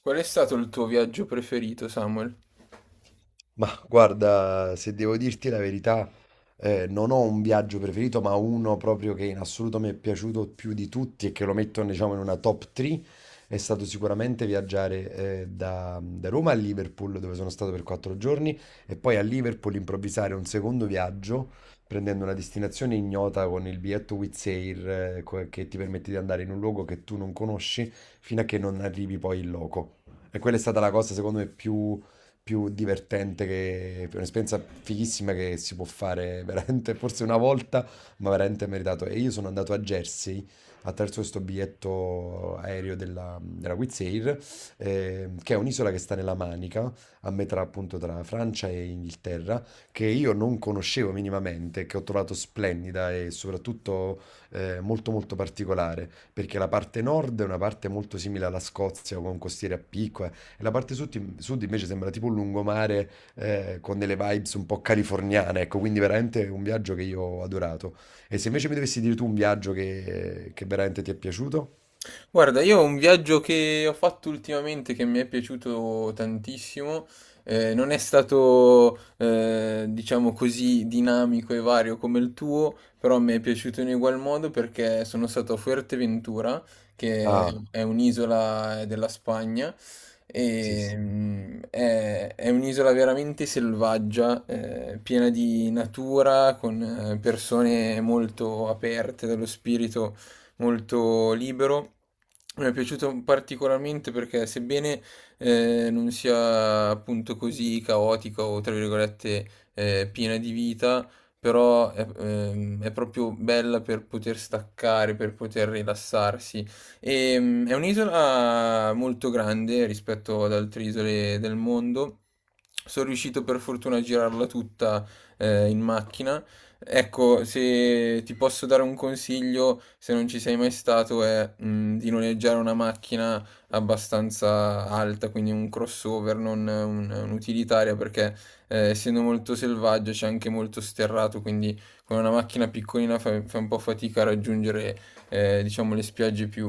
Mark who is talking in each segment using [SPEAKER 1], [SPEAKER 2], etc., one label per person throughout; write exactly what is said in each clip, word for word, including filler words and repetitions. [SPEAKER 1] Qual è stato il tuo viaggio preferito, Samuel?
[SPEAKER 2] Ma guarda, se devo dirti la verità, eh, non ho un viaggio preferito, ma uno proprio che in assoluto mi è piaciuto più di tutti e che lo metto, diciamo, in una top tre è stato sicuramente viaggiare, eh, da, da Roma a Liverpool, dove sono stato per quattro giorni, e poi a Liverpool improvvisare un secondo viaggio prendendo una destinazione ignota con il biglietto Wizz Air, eh, co- che ti permette di andare in un luogo che tu non conosci fino a che non arrivi poi in loco. E quella è stata la cosa, secondo me, più più divertente, che, è un'esperienza fighissima che si può fare veramente, forse una volta, ma veramente meritato. E io sono andato a Jersey attraverso questo biglietto aereo della, della Wizz Air, eh, che è un'isola che sta nella Manica, a metà appunto tra Francia e Inghilterra, che io non conoscevo minimamente, che ho trovato splendida e soprattutto eh, molto molto particolare, perché la parte nord è una parte molto simile alla Scozia, con costiere a picco, e la parte sud, sud invece sembra tipo un lungomare eh, con delle vibes un po' californiane, ecco, quindi veramente un viaggio che io ho adorato. E se invece mi dovessi dire tu un viaggio che, che veramente ti è piaciuto?
[SPEAKER 1] Guarda, io ho un viaggio che ho fatto ultimamente che mi è piaciuto tantissimo. Eh, non è stato, eh, diciamo così, dinamico e vario come il tuo, però mi è piaciuto in ugual modo perché sono stato a Fuerteventura, che
[SPEAKER 2] Ah,
[SPEAKER 1] è un'isola eh, della Spagna,
[SPEAKER 2] sì,
[SPEAKER 1] e
[SPEAKER 2] sì.
[SPEAKER 1] mm, è, è un'isola veramente selvaggia, eh, piena di natura, con eh, persone molto aperte dallo spirito molto libero. Mi è piaciuto particolarmente perché sebbene eh, non sia appunto così caotica o tra virgolette eh, piena di vita, però è, ehm, è proprio bella per poter staccare, per poter rilassarsi. E, mm, è un'isola molto grande rispetto ad altre isole del mondo. Sono riuscito per fortuna a girarla tutta eh, in macchina. Ecco, se ti posso dare un consiglio, se non ci sei mai stato, è mh, di noleggiare una macchina abbastanza alta, quindi un crossover, non un- un'utilitaria, perché eh, essendo molto selvaggio c'è anche molto sterrato, quindi con una macchina piccolina fai, fai un po' fatica a raggiungere, eh, diciamo, le spiagge più,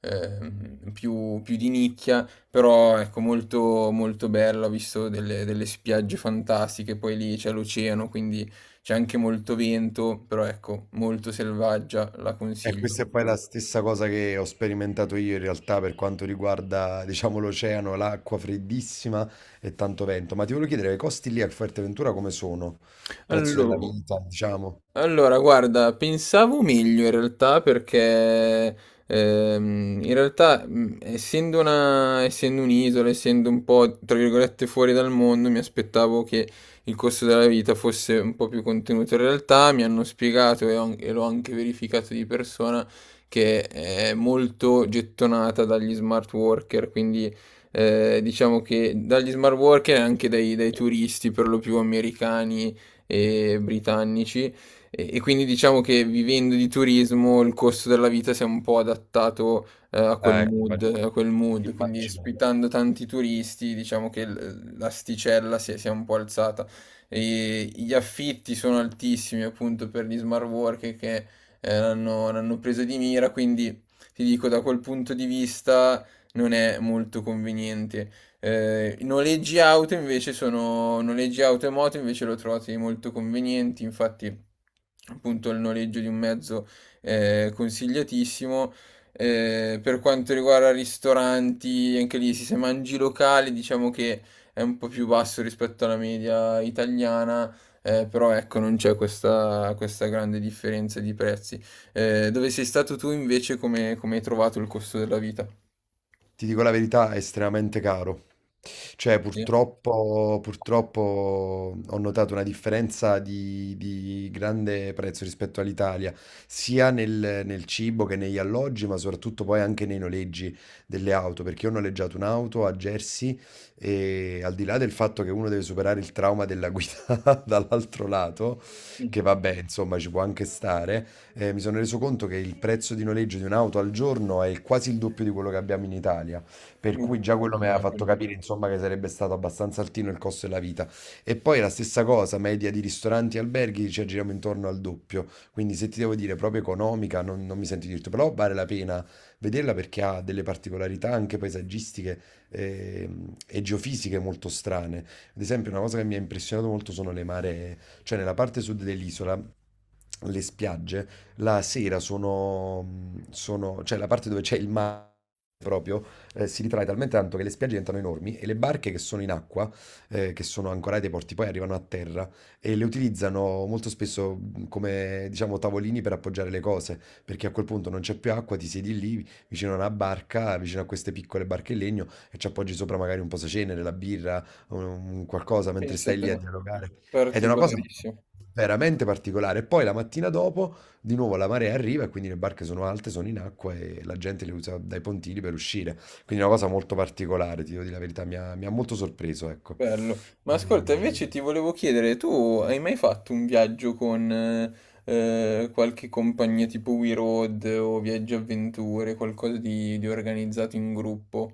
[SPEAKER 1] ehm, più- più di nicchia, però ecco, molto, molto bella, ho visto delle, delle spiagge fantastiche, poi lì c'è l'oceano, quindi c'è anche molto vento, però ecco, molto selvaggia, la
[SPEAKER 2] E
[SPEAKER 1] consiglio.
[SPEAKER 2] questa è poi la stessa cosa che ho sperimentato io in realtà per quanto riguarda, diciamo, l'oceano, l'acqua freddissima e tanto vento. Ma ti volevo chiedere, i costi lì a Fuerteventura come sono? Prezzo della
[SPEAKER 1] Allora
[SPEAKER 2] vita, diciamo.
[SPEAKER 1] Allora, guarda, pensavo meglio in realtà perché, ehm, in realtà, mh, essendo una, essendo un'isola, essendo un po' tra virgolette fuori dal mondo, mi aspettavo che il costo della vita fosse un po' più contenuto. In realtà mi hanno spiegato e, ho- e l'ho anche verificato di persona che è molto gettonata dagli smart worker, quindi, eh, diciamo che dagli smart worker e anche dai, dai turisti per lo più americani e britannici, e, e quindi diciamo che vivendo di turismo il costo della vita si è un po' adattato eh, a quel
[SPEAKER 2] Eh, ecco,
[SPEAKER 1] mood,
[SPEAKER 2] immag-
[SPEAKER 1] a quel mood, quindi
[SPEAKER 2] immagino.
[SPEAKER 1] ospitando tanti turisti diciamo che l- l'asticella si è, si è un po' alzata. E gli affitti sono altissimi appunto per gli smart worker che eh, l'hanno l'hanno preso di mira, quindi ti dico da quel punto di vista non è molto conveniente. Eh, I noleggi auto invece sono noleggi auto e moto invece lo trovate molto convenienti, infatti appunto il noleggio di un mezzo è consigliatissimo. Eh, per quanto riguarda ristoranti, anche lì se mangi locali, diciamo che è un po' più basso rispetto alla media italiana. Eh, però ecco, non c'è questa, questa grande differenza di prezzi. Eh, dove sei stato tu invece, come, come hai trovato il costo della vita?
[SPEAKER 2] Ti dico la verità, è estremamente caro. Cioè,
[SPEAKER 1] Sì.
[SPEAKER 2] purtroppo, purtroppo ho notato una differenza di, di grande prezzo rispetto all'Italia, sia nel, nel cibo che negli alloggi, ma soprattutto poi anche nei noleggi delle auto, perché io ho noleggiato un'auto a Jersey e al di là del fatto che uno deve superare il trauma della guida dall'altro lato, che vabbè, insomma, ci può anche stare, eh, mi sono reso conto che il prezzo di noleggio di un'auto al giorno è quasi il doppio di quello che abbiamo in Italia, per
[SPEAKER 1] Mm.
[SPEAKER 2] cui già quello mi aveva fatto capire, insomma, che sarebbe stato abbastanza altino il costo della vita. E poi la stessa cosa, media di ristoranti e alberghi ci aggiriamo intorno al doppio, quindi se ti devo dire proprio economica, non, non mi sento di dirti, però vale la pena vederla perché ha delle particolarità anche paesaggistiche ehm, e geofisiche molto strane. Ad esempio, una cosa che mi ha impressionato molto sono le maree, cioè nella parte sud dell'isola. Le spiagge la sera sono, sono- cioè la parte dove c'è il mare proprio, eh, si ritrae talmente tanto che le spiagge diventano enormi e le barche che sono in acqua, eh, che sono ancorate ai porti, poi arrivano a terra e le utilizzano molto spesso mh, come, diciamo, tavolini per appoggiare le cose, perché a quel punto non c'è più acqua, ti siedi lì vicino a una barca, vicino a queste piccole barche in legno e ci appoggi sopra magari un posacenere, la birra, un- qualcosa mentre
[SPEAKER 1] Pensa
[SPEAKER 2] stai
[SPEAKER 1] te,
[SPEAKER 2] lì a dialogare. Ed è una cosa
[SPEAKER 1] particolarissimo,
[SPEAKER 2] veramente particolare. E poi la mattina dopo di nuovo la marea arriva e quindi le barche sono alte, sono in acqua e la gente le usa dai pontili per uscire. Quindi è una cosa molto particolare, ti devo dire la verità, mi ha, mi ha molto sorpreso, ecco.
[SPEAKER 1] bello. Ma ascolta,
[SPEAKER 2] E-
[SPEAKER 1] invece ti volevo chiedere, tu hai mai fatto un viaggio con eh, eh, qualche compagnia tipo We Road o Viaggi Avventure, qualcosa di, di organizzato in gruppo?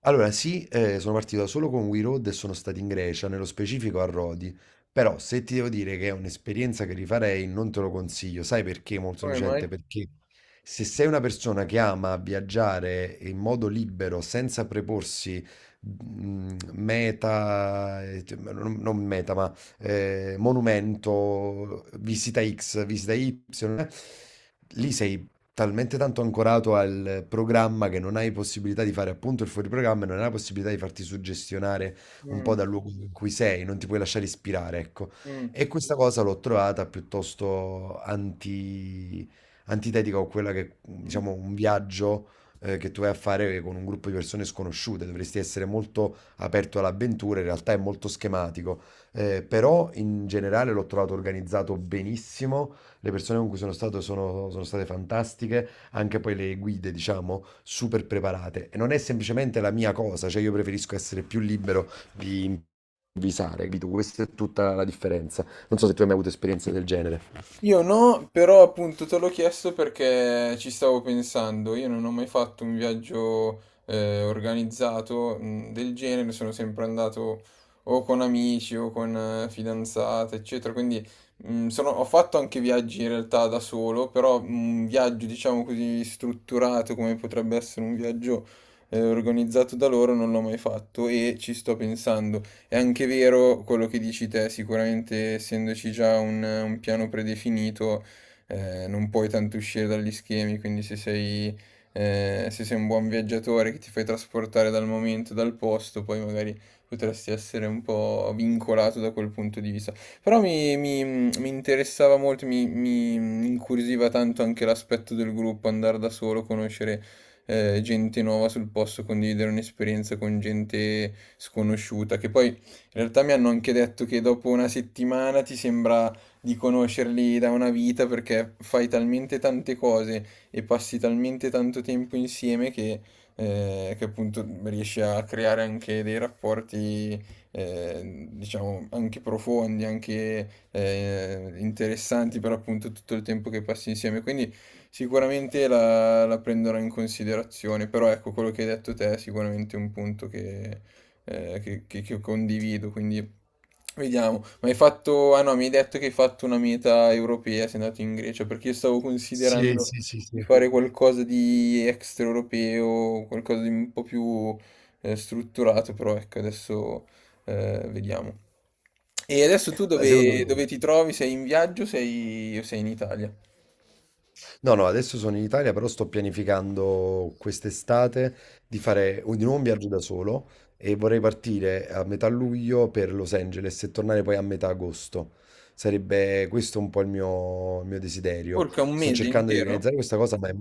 [SPEAKER 2] Allora, sì, eh, sono partito solo con We Road e sono stato in Grecia, nello specifico a Rodi. Però se ti devo dire che è un'esperienza che rifarei, non te lo consiglio. Sai perché? Molto
[SPEAKER 1] Come
[SPEAKER 2] semplicemente
[SPEAKER 1] mai?
[SPEAKER 2] perché se sei una persona che ama viaggiare in modo libero, senza preporsi mm, meta, eh, cioè, non, non meta, ma eh, monumento, visita X, visita Y, eh, lì sei talmente tanto ancorato al programma che non hai possibilità di fare appunto il fuoriprogramma e non hai la possibilità di farti suggestionare un po'
[SPEAKER 1] Mm,
[SPEAKER 2] dal luogo in cui sei, non ti puoi lasciare ispirare, ecco.
[SPEAKER 1] mm,
[SPEAKER 2] E questa cosa l'ho trovata piuttosto anti- antitetica a quella che,
[SPEAKER 1] mm.
[SPEAKER 2] diciamo, un viaggio eh, che tu vai a fare con un gruppo di persone sconosciute, dovresti essere molto aperto all'avventura, in realtà è molto schematico. Eh, però in generale l'ho trovato organizzato benissimo. Le persone con cui sono stato sono, sono state fantastiche, anche poi le guide, diciamo, super preparate. E non è semplicemente la mia cosa, cioè io preferisco essere più libero di improvvisare, capito? Questa è tutta la differenza. Non so se tu hai mai avuto esperienze del genere.
[SPEAKER 1] Io no, però appunto te l'ho chiesto perché ci stavo pensando. Io non ho mai fatto un viaggio eh, organizzato, mh, del genere, sono sempre andato o con amici o con eh, fidanzate, eccetera. Quindi, mh, sono- ho fatto anche viaggi in realtà da solo, però mm, un viaggio diciamo così strutturato come potrebbe essere un viaggio eh, organizzato da loro non l'ho mai fatto e ci sto pensando. È anche vero quello che dici te, sicuramente essendoci già un, un piano predefinito, eh, non puoi tanto uscire dagli schemi, quindi se sei, eh, se sei un buon viaggiatore che ti fai trasportare dal momento, dal posto, poi magari potresti essere un po' vincolato da quel punto di vista. Però mi, mi- mi interessava molto, mi, mi incuriosiva tanto anche l'aspetto del gruppo, andare da solo, conoscere eh, gente nuova sul posto, condividere un'esperienza con gente sconosciuta, che poi in realtà mi hanno anche detto che dopo una settimana ti sembra di conoscerli da una vita perché fai talmente tante cose e passi talmente tanto tempo insieme che, eh, che appunto riesci a creare anche dei rapporti, eh, diciamo, anche profondi, anche eh, interessanti per appunto tutto il tempo che passi insieme. Quindi sicuramente la, la prenderò in considerazione, però ecco quello che hai detto te è sicuramente un punto eh, che, che- che condivido, quindi vediamo. Ma hai fatto, ah no, mi hai detto che hai fatto una meta europea, sei andato in Grecia, perché io stavo
[SPEAKER 2] Sì,
[SPEAKER 1] considerando
[SPEAKER 2] sì, sì,
[SPEAKER 1] di
[SPEAKER 2] sì.
[SPEAKER 1] fare qualcosa di extraeuropeo, qualcosa di un po' più eh, strutturato, però ecco, adesso eh, vediamo. E adesso tu
[SPEAKER 2] Beh, secondo
[SPEAKER 1] dove,
[SPEAKER 2] me.
[SPEAKER 1] dove ti trovi? Sei in viaggio o sei, o sei in Italia?
[SPEAKER 2] No, no, adesso sono in Italia, però sto pianificando quest'estate di fare un- di nuovo un viaggio da solo e vorrei partire a metà luglio per Los Angeles e tornare poi a metà agosto. Sarebbe questo un po' il mio, il mio desiderio.
[SPEAKER 1] Porca, un
[SPEAKER 2] Sto
[SPEAKER 1] mese
[SPEAKER 2] cercando di
[SPEAKER 1] intero?
[SPEAKER 2] organizzare questa cosa, ma è.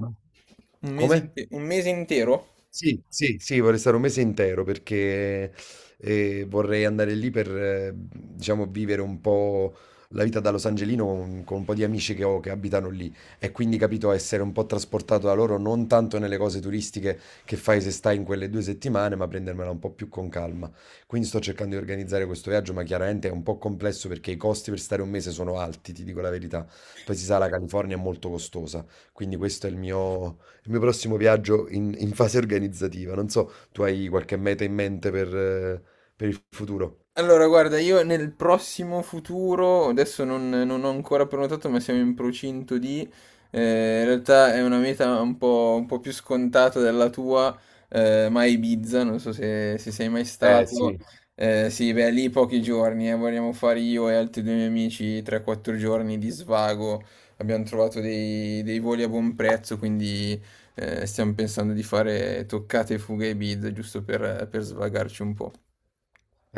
[SPEAKER 1] Un mese,
[SPEAKER 2] Come?
[SPEAKER 1] inte- un mese intero?
[SPEAKER 2] Sì, sì, sì, vorrei stare un mese intero perché eh, vorrei andare lì per, eh, diciamo, vivere un po' la vita da Los Angelino con, con un po' di amici che ho che abitano lì e quindi, capito, essere un po' trasportato da loro, non tanto nelle cose turistiche che fai se stai in quelle due settimane, ma prendermela un po' più con calma. Quindi sto cercando di organizzare questo viaggio, ma chiaramente è un po' complesso perché i costi per stare un mese sono alti, ti dico la verità. Poi si sa, la California è molto costosa, quindi questo è il mio il mio prossimo viaggio in, in fase organizzativa. Non so, tu hai qualche meta in mente per, eh, per il futuro?
[SPEAKER 1] Allora, guarda, io nel prossimo futuro, adesso non, non ho ancora prenotato, ma siamo in procinto di, eh, in realtà è una meta un po', un po' più scontata della tua, eh, ma a Ibiza, non so se, se sei mai
[SPEAKER 2] Eh
[SPEAKER 1] stato,
[SPEAKER 2] sì,
[SPEAKER 1] eh, sì, beh, lì pochi giorni, eh, vogliamo fare io e altri due miei amici tre quattro giorni di svago, abbiamo trovato dei, dei voli a buon prezzo, quindi eh, stiamo pensando di fare toccate e fughe a Ibiza, giusto per per svagarci un po'.